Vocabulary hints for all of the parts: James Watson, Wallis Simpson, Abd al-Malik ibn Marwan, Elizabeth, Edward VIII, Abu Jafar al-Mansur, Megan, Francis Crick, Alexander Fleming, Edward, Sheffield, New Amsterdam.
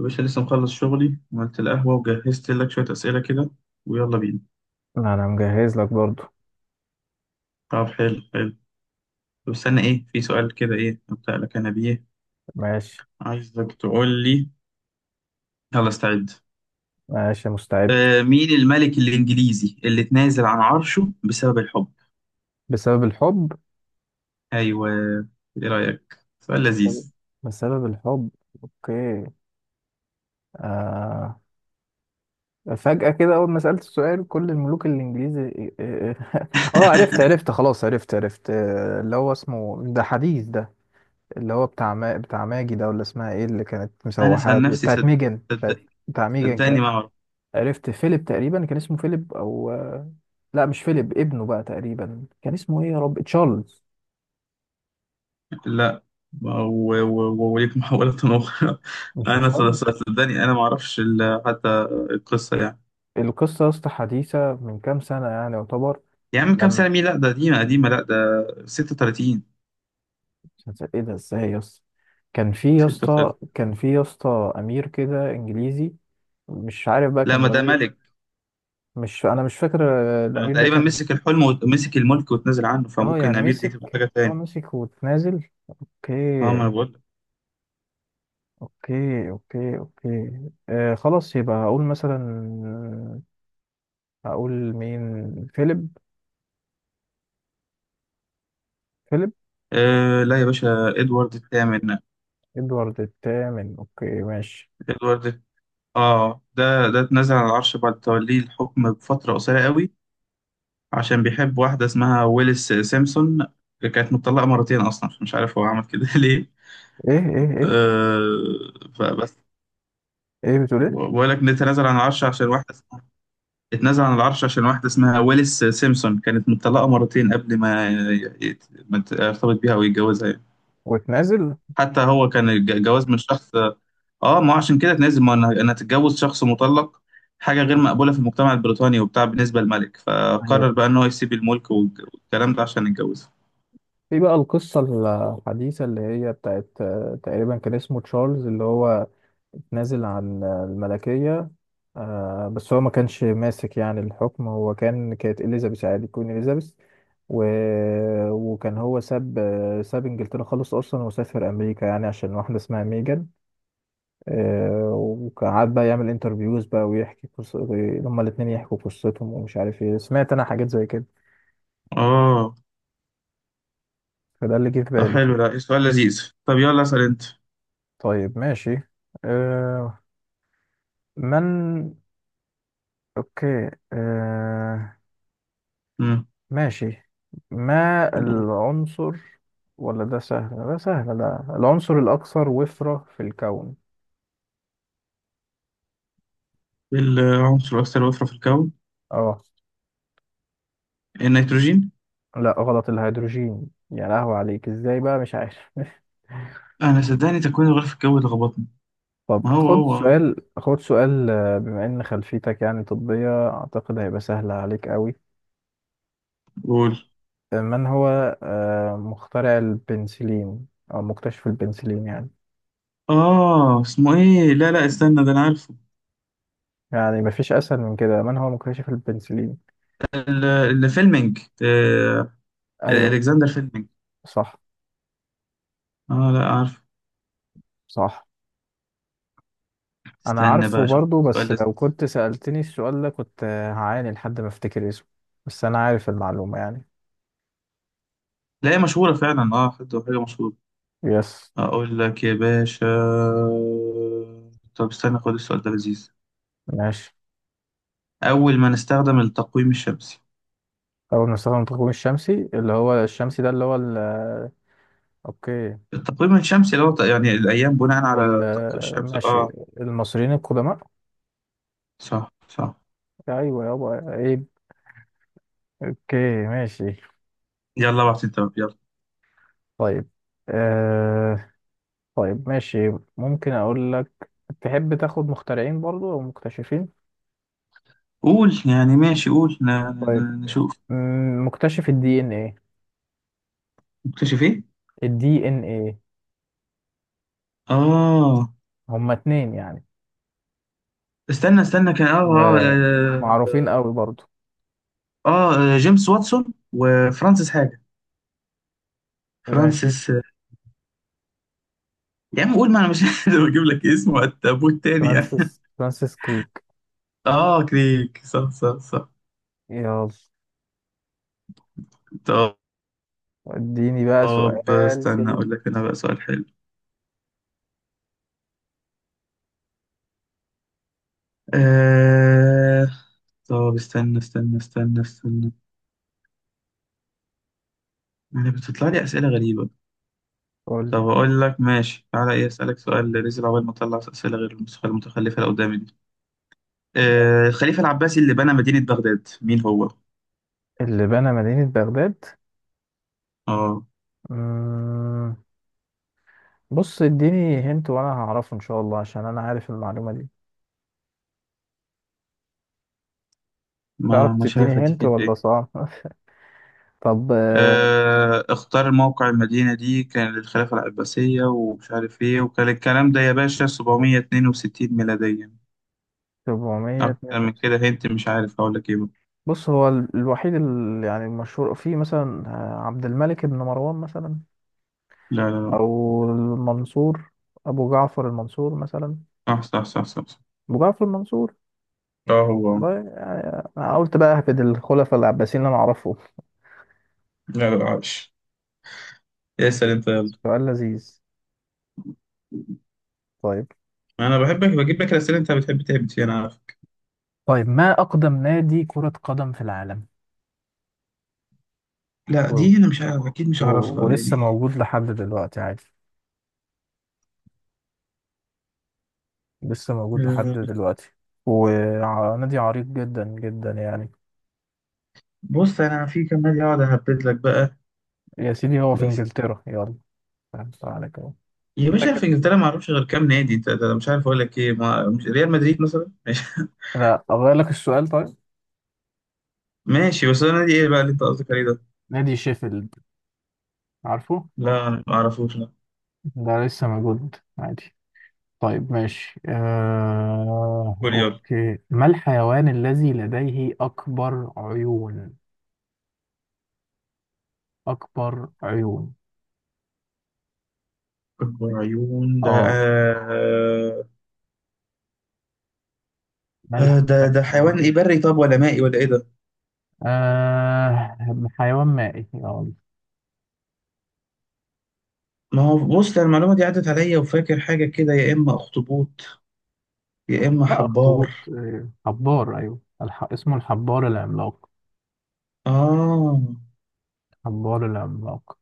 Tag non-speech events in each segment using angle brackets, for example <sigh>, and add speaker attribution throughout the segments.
Speaker 1: يا باشا لسه مخلص شغلي وعملت القهوة وجهزت لك شوية أسئلة كده، ويلا بينا.
Speaker 2: لا انا مجهز لك برضو.
Speaker 1: طب حلو حلو. طب استنى إيه، في سؤال كده إيه أبدأ لك أنا بيه؟
Speaker 2: ماشي.
Speaker 1: عايزك تقول لي، يلا استعد.
Speaker 2: ماشي مستعد.
Speaker 1: مين الملك الإنجليزي اللي اتنازل عن عرشه بسبب الحب؟
Speaker 2: بسبب الحب.
Speaker 1: أيوه. إيه رأيك، سؤال
Speaker 2: طيب.
Speaker 1: لذيذ؟
Speaker 2: بسبب الحب. اوكي. آه. فجأة كده اول ما سألت السؤال كل الملوك الانجليزي <laughs> اه. عرفت
Speaker 1: <laughs>
Speaker 2: عرفت خلاص عرفت اللي هو اسمه ده حديث ده. اللي هو بتاع ما... بتاع ماجي ده ولا اسمها ايه اللي كانت
Speaker 1: أنا
Speaker 2: مسوحة
Speaker 1: سأل
Speaker 2: دي
Speaker 1: نفسي
Speaker 2: بتاعت
Speaker 1: صدق،
Speaker 2: ميجن
Speaker 1: صدق-
Speaker 2: بتاع ميجن
Speaker 1: صدقني
Speaker 2: ك...
Speaker 1: ما أعرف.
Speaker 2: عرفت فيليب، تقريبا كان اسمه فيليب او لا مش فيليب، ابنه بقى تقريبا كان اسمه ايه يا رب، تشارلز.
Speaker 1: لا، و- و- وليك محاولة أخرى. <laughs>
Speaker 2: مش
Speaker 1: أنا
Speaker 2: تشارلز.
Speaker 1: صدقني أنا ما أعرفش حتى القصة يعني.
Speaker 2: القصة يا اسطى حديثة من كام سنة يعني يعتبر.
Speaker 1: يا عم كام
Speaker 2: لما
Speaker 1: سنة مين، لا ده قديمة قديمة، لا ده 36،
Speaker 2: ايه ده ازاي يا اسطى.
Speaker 1: 36.
Speaker 2: كان في يا اسطى أمير كده إنجليزي، مش عارف بقى
Speaker 1: لا
Speaker 2: كان
Speaker 1: ما ده
Speaker 2: ولا ايه.
Speaker 1: ملك،
Speaker 2: مش فاكر. آه،
Speaker 1: ده
Speaker 2: الأمير ده
Speaker 1: تقريبا
Speaker 2: كان.
Speaker 1: مسك الحلم ومسك الملك واتنازل عنه،
Speaker 2: اه
Speaker 1: فممكن
Speaker 2: يعني
Speaker 1: أمير دي
Speaker 2: مسك.
Speaker 1: تبقى حاجة
Speaker 2: اه
Speaker 1: تاني.
Speaker 2: مسك وتنازل.
Speaker 1: اه ما
Speaker 2: اوكي
Speaker 1: انا بقول لك.
Speaker 2: اوكي اوكي اوكي. آه، خلاص يبقى هقول مثلا. هقول مين. فيليب. فيليب.
Speaker 1: آه لا يا باشا، ادوارد الثامن.
Speaker 2: ادوارد الثامن. اوكي ماشي.
Speaker 1: ادوارد، اه ده ده اتنازل عن العرش بعد توليه الحكم بفترة قصيرة قوي، عشان بيحب واحدة اسمها ويلس سيمسون، كانت متطلقة مرتين أصلا، مش عارف هو عمل كده <laughs> ليه.
Speaker 2: ايه ايه ايه.
Speaker 1: آه، فبس.
Speaker 2: ايه بتقول ايه؟
Speaker 1: بقول لك نتنازل عن العرش عشان واحدة، اتنازل عن العرش عشان واحدة اسمها ويلس سيمسون كانت مطلقة مرتين قبل ما يرتبط بيها أو يتجوزها يعني.
Speaker 2: وتنازل.
Speaker 1: حتى هو كان جواز من شخص، اه ما هو عشان كده اتنازل، ما انا اتجوز شخص مطلق حاجة غير مقبولة في المجتمع البريطاني وبتاع بالنسبة للملك، فقرر
Speaker 2: ايوه.
Speaker 1: بقى إن هو يسيب الملك والكلام ده عشان يتجوزها.
Speaker 2: في بقى القصة الحديثة اللي هي بتاعت، تقريبا كان اسمه تشارلز، اللي هو نازل عن الملكية. بس هو ما كانش ماسك يعني الحكم، هو كان كانت إليزابيث عادي، كوين إليزابيث. و... وكان هو ساب، ساب إنجلترا خالص أصلا، وسافر أمريكا يعني عشان واحدة اسمها ميجان. وقعد بقى يعمل انترفيوز بقى ويحكي قصة. هما الاتنين يحكوا قصتهم ومش عارف ايه، سمعت أنا حاجات زي كده.
Speaker 1: اه
Speaker 2: فده اللي جه في
Speaker 1: طب
Speaker 2: بالي.
Speaker 1: حلو، ده سؤال لذيذ. طب يلا اسأل أنت.
Speaker 2: طيب ماشي. آه، من. اوكي
Speaker 1: مم.
Speaker 2: ماشي. ما العنصر، ولا ده سهل، ده سهل، ده العنصر الأكثر وفرة في الكون؟
Speaker 1: إيه العنصر الأكثر وفرة في الكون؟
Speaker 2: اه،
Speaker 1: النيتروجين.
Speaker 2: لا غلط، الهيدروجين، يا لهوي عليك، ازاي بقى مش عارف <laughs>
Speaker 1: أنا صدقني تكوين الغلاف الجوي لخبطني. ما
Speaker 2: طب
Speaker 1: هو
Speaker 2: خد
Speaker 1: هو
Speaker 2: سؤال، خد سؤال. آه، بما ان خلفيتك يعني طبية، اعتقد هيبقى سهل عليك قوي.
Speaker 1: قول.
Speaker 2: آه، من هو، مخترع البنسلين، او مكتشف البنسلين يعني.
Speaker 1: آه اسمه إيه، لا لا استنى ده أنا عارفه.
Speaker 2: يعني مفيش اسهل من كده، من هو مكتشف البنسلين؟
Speaker 1: ال- الفيلمينج،
Speaker 2: ايوه.
Speaker 1: الكسندر فيلمينج.
Speaker 2: صح
Speaker 1: آه لا عارف.
Speaker 2: صح. انا
Speaker 1: استنى بقى
Speaker 2: عارفه
Speaker 1: أشوف
Speaker 2: برضو،
Speaker 1: سؤال
Speaker 2: بس لو
Speaker 1: لذيذ.
Speaker 2: كنت سألتني السؤال ده كنت هعاني لحد ما افتكر اسمه، بس انا عارف المعلومة يعني.
Speaker 1: لا هي مشهورة فعلا، آه حتى حاجة مشهورة.
Speaker 2: يس.
Speaker 1: أقول لك يا باشا. طب استنى خد السؤال ده لذيذ.
Speaker 2: ماشي.
Speaker 1: أول ما نستخدم التقويم الشمسي.
Speaker 2: اول مصطفى المتقوم الشمسي، اللي هو الشمسي ده اللي هو ال... اوكي.
Speaker 1: التقويم الشمسي اللي هو يعني الأيام بناء
Speaker 2: ال...
Speaker 1: على الشمس
Speaker 2: ماشي. المصريين القدماء.
Speaker 1: صح صح.
Speaker 2: ايوه يابا ايه. اوكي ماشي.
Speaker 1: يلا بعت أنت بقى، يلا.
Speaker 2: طيب آه... طيب ماشي. ممكن اقول لك، تحب تاخد مخترعين برضو او مكتشفين؟
Speaker 1: قول يعني ماشي، قول
Speaker 2: طيب.
Speaker 1: نشوف.
Speaker 2: مم، مكتشف الدي ان ايه.
Speaker 1: نكتشف إيه؟
Speaker 2: الدي ان ايه.
Speaker 1: آه،
Speaker 2: هما اتنين يعني،
Speaker 1: استنى استنى كان
Speaker 2: ومعروفين قوي برضو.
Speaker 1: جيمس واتسون وفرانسيس حاجة،
Speaker 2: ماشي.
Speaker 1: فرانسيس. يا عم قول ما انا مش قادر <laughs> اجيب لك اسمه وقت ابوه التاني يعني.
Speaker 2: فرانسيس كريك.
Speaker 1: اه كريك، صح صح صح.
Speaker 2: يلا،
Speaker 1: طب،
Speaker 2: اديني بقى
Speaker 1: طب
Speaker 2: سؤال
Speaker 1: استنى
Speaker 2: كده.
Speaker 1: اقول لك انا بقى سؤال حلو. آه طب استنى. انا بتطلع لي اسئله غريبه.
Speaker 2: قول لي
Speaker 1: طب اقول لك ماشي، تعالى ايه اسالك سؤال نزل عقبال ما اطلع اسئله غير النسخه المتخلفه اللي قدامي دي. آه الخليفه العباسي اللي بنى مدينه بغداد مين هو؟
Speaker 2: اللي بنى مدينة بغداد.
Speaker 1: اه.
Speaker 2: مم... بص، اديني هنت وانا هعرفه ان شاء الله، عشان انا عارف المعلومة دي. تعرف
Speaker 1: ما مش
Speaker 2: تديني
Speaker 1: عارف اديك
Speaker 2: هنت
Speaker 1: انت
Speaker 2: ولا
Speaker 1: ايه.
Speaker 2: صعب؟ <laughs> طب آه،
Speaker 1: اختار موقع المدينة دي كان للخلافة العباسية ومش عارف ايه، وكان الكلام ده يا باشا 762 ميلاديا. أكتر من
Speaker 2: 462.
Speaker 1: كده هنت، مش عارف هقول لك ايه بقى.
Speaker 2: بص، هو الوحيد اللي يعني المشهور فيه مثلا، آه، عبد الملك بن مروان مثلا،
Speaker 1: لا لا لا.
Speaker 2: او المنصور، ابو جعفر المنصور مثلا.
Speaker 1: صح صح صح صح صح.
Speaker 2: ابو جعفر المنصور.
Speaker 1: اه هو.
Speaker 2: والله يعني، انا قلت بقى اهبد الخلفاء العباسيين اللي انا اعرفه.
Speaker 1: لا لا عايش. اسأل انت يلا.
Speaker 2: سؤال لذيذ. طيب.
Speaker 1: انا بحبك بجيب لك الأسئلة انت بتحب تعبت فيها، انا عارفك.
Speaker 2: طيب، ما اقدم نادي كرة قدم في العالم؟
Speaker 1: لا
Speaker 2: و...
Speaker 1: دي انا مش عارف اكيد مش
Speaker 2: و...
Speaker 1: هعرفها
Speaker 2: ولسه
Speaker 1: يعني.
Speaker 2: موجود لحد دلوقتي عادي، لسه موجود لحد
Speaker 1: آه،
Speaker 2: دلوقتي، ونادي عريق جدا جدا يعني.
Speaker 1: بص انا في كام نادي اقعد اهبد لك بقى.
Speaker 2: يا سيدي هو في
Speaker 1: بس
Speaker 2: انجلترا، يلا. فهمت عليك اهو.
Speaker 1: يا
Speaker 2: كده
Speaker 1: باشا في
Speaker 2: كده.
Speaker 1: انجلترا ما اعرفش غير كام نادي، ده ده مش عارف اقول لك ايه، ما مش ريال مدريد مثلا ماشي. <laughs>
Speaker 2: لا، اغير لك السؤال طيب.
Speaker 1: ماشي، بس ده نادي ايه بقى اللي انت قصدك عليه ده؟
Speaker 2: نادي شيفيلد. عارفه؟
Speaker 1: لا ما اعرفوش لا.
Speaker 2: ده لسه موجود عادي. طيب ماشي.
Speaker 1: كوريال.
Speaker 2: أوكي، ما الحيوان الذي لديه أكبر عيون؟ أكبر عيون،
Speaker 1: اكبر عيون ده
Speaker 2: آه.
Speaker 1: آه.
Speaker 2: ما الحيوان
Speaker 1: ده ده حيوان
Speaker 2: الذي،
Speaker 1: ايه، بري طب ولا مائي ولا ايه ده؟
Speaker 2: آه... حيوان مائي.
Speaker 1: ما هو بص ده المعلومه دي عدت عليا، وفاكر حاجه كده، يا اما اخطبوط يا اما
Speaker 2: لا
Speaker 1: حبار.
Speaker 2: أخطبوط، آه، حبار، أيوه، اسمه الحبار العملاق.
Speaker 1: اه
Speaker 2: حبار العملاق.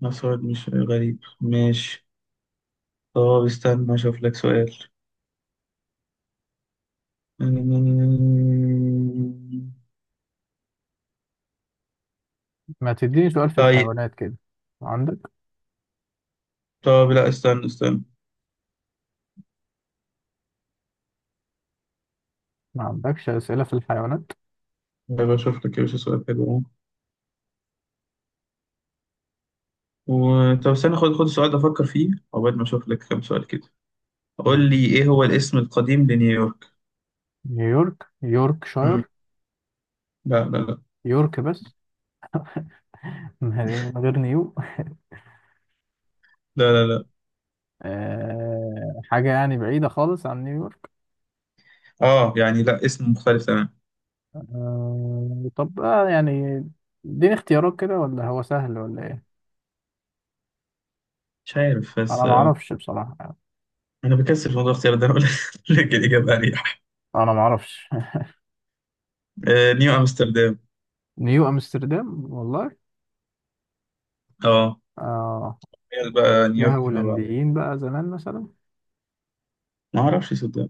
Speaker 1: ما سؤال مش غريب ماشي. طب استنى اشوف لك سؤال. <laughs>
Speaker 2: ما تديني سؤال في
Speaker 1: طيب،
Speaker 2: الحيوانات كده، عندك؟
Speaker 1: طب لا استنى.
Speaker 2: ما عندكش أسئلة في الحيوانات؟
Speaker 1: بشوف لك يا باشا سؤال حلو اهو. طب استنى خد السؤال ده افكر فيه عقبال ما اشوف لك كام سؤال كده. قول لي ايه هو الاسم القديم لنيويورك؟
Speaker 2: نيويورك.
Speaker 1: مم.
Speaker 2: يوركشاير.
Speaker 1: لا لا لا.
Speaker 2: يورك بس <laughs> من غير نيو.
Speaker 1: لا لا لا.
Speaker 2: آه، حاجة يعني بعيدة خالص عن نيويورك؟
Speaker 1: اه يعني لا اسم مختلف تمام.
Speaker 2: آه، طب، آه، يعني اديني اختيارات كده، ولا هو سهل ولا ايه؟
Speaker 1: مش عارف بس
Speaker 2: انا ما
Speaker 1: آه،.
Speaker 2: اعرفش بصراحة يعني.
Speaker 1: انا بكسل في موضوع الاختيار ده، اقول <laughs> لك الاجابه اريح.
Speaker 2: انا ما اعرفش.
Speaker 1: آه، نيو امستردام.
Speaker 2: <laughs> نيو امستردام، والله.
Speaker 1: اه
Speaker 2: اه.
Speaker 1: هي
Speaker 2: كان
Speaker 1: بقى
Speaker 2: فيها
Speaker 1: نيويورك فيما بعد.
Speaker 2: هولنديين بقى زمان مثلا.
Speaker 1: ما اعرفش صدق.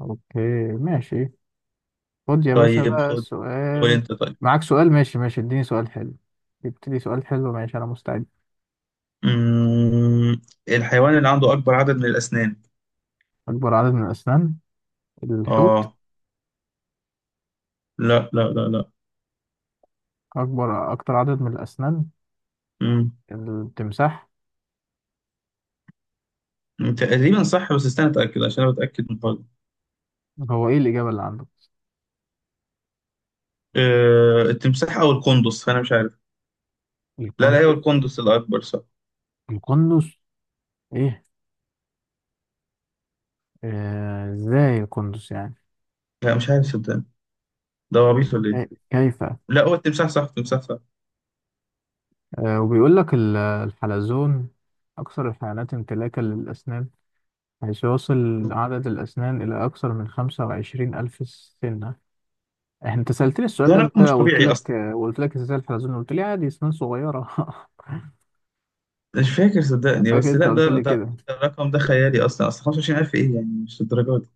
Speaker 2: اوكي ماشي. خد يا باشا
Speaker 1: طيب
Speaker 2: بقى
Speaker 1: خد. قول
Speaker 2: سؤال.
Speaker 1: انت طيب.
Speaker 2: معاك سؤال؟ ماشي ماشي، اديني سؤال حلو. ابتدي سؤال حلو، ماشي، انا مستعد.
Speaker 1: مم. الحيوان اللي عنده اكبر عدد من الاسنان.
Speaker 2: اكبر عدد من الاسنان. الحوت.
Speaker 1: اه لا لا لا لا.
Speaker 2: اكبر، اكتر عدد من الاسنان.
Speaker 1: مم.
Speaker 2: التمساح.
Speaker 1: تقريبا صح، بس استنى اتاكد عشان انا بتاكد من برضه.
Speaker 2: هو ايه الإجابة اللي عنده؟
Speaker 1: أه التمساح او القندس، فانا مش عارف. لا لا هو
Speaker 2: القندس؟
Speaker 1: القندس الاكبر صح.
Speaker 2: القندس؟ ايه؟ آه، ازاي القندس يعني؟
Speaker 1: لا مش عارف صدقني. ده هو عبيط ولا ايه؟
Speaker 2: كيف؟
Speaker 1: لا هو التمساح صح، التمساح صح.
Speaker 2: آه، وبيقول لك الحلزون أكثر الحيوانات امتلاكا للأسنان، حيث يصل عدد الأسنان إلى أكثر من 25,000 سنة. أنت سألتني السؤال
Speaker 1: ده
Speaker 2: ده قبل
Speaker 1: رقم مش
Speaker 2: كده وقلت
Speaker 1: طبيعي
Speaker 2: لك
Speaker 1: اصلا.
Speaker 2: آه، وقلت لك إزاي الحلزون، قلت لي عادي أسنان صغيرة. <laughs>
Speaker 1: مش فاكر
Speaker 2: أنا
Speaker 1: صدقني،
Speaker 2: فاكر
Speaker 1: بس
Speaker 2: أنت
Speaker 1: لا
Speaker 2: قلت
Speaker 1: ده ده
Speaker 2: لي
Speaker 1: ده
Speaker 2: كده.
Speaker 1: الرقم ده خيالي اصلا، اصلا 25,000 ايه يعني مش الدرجات.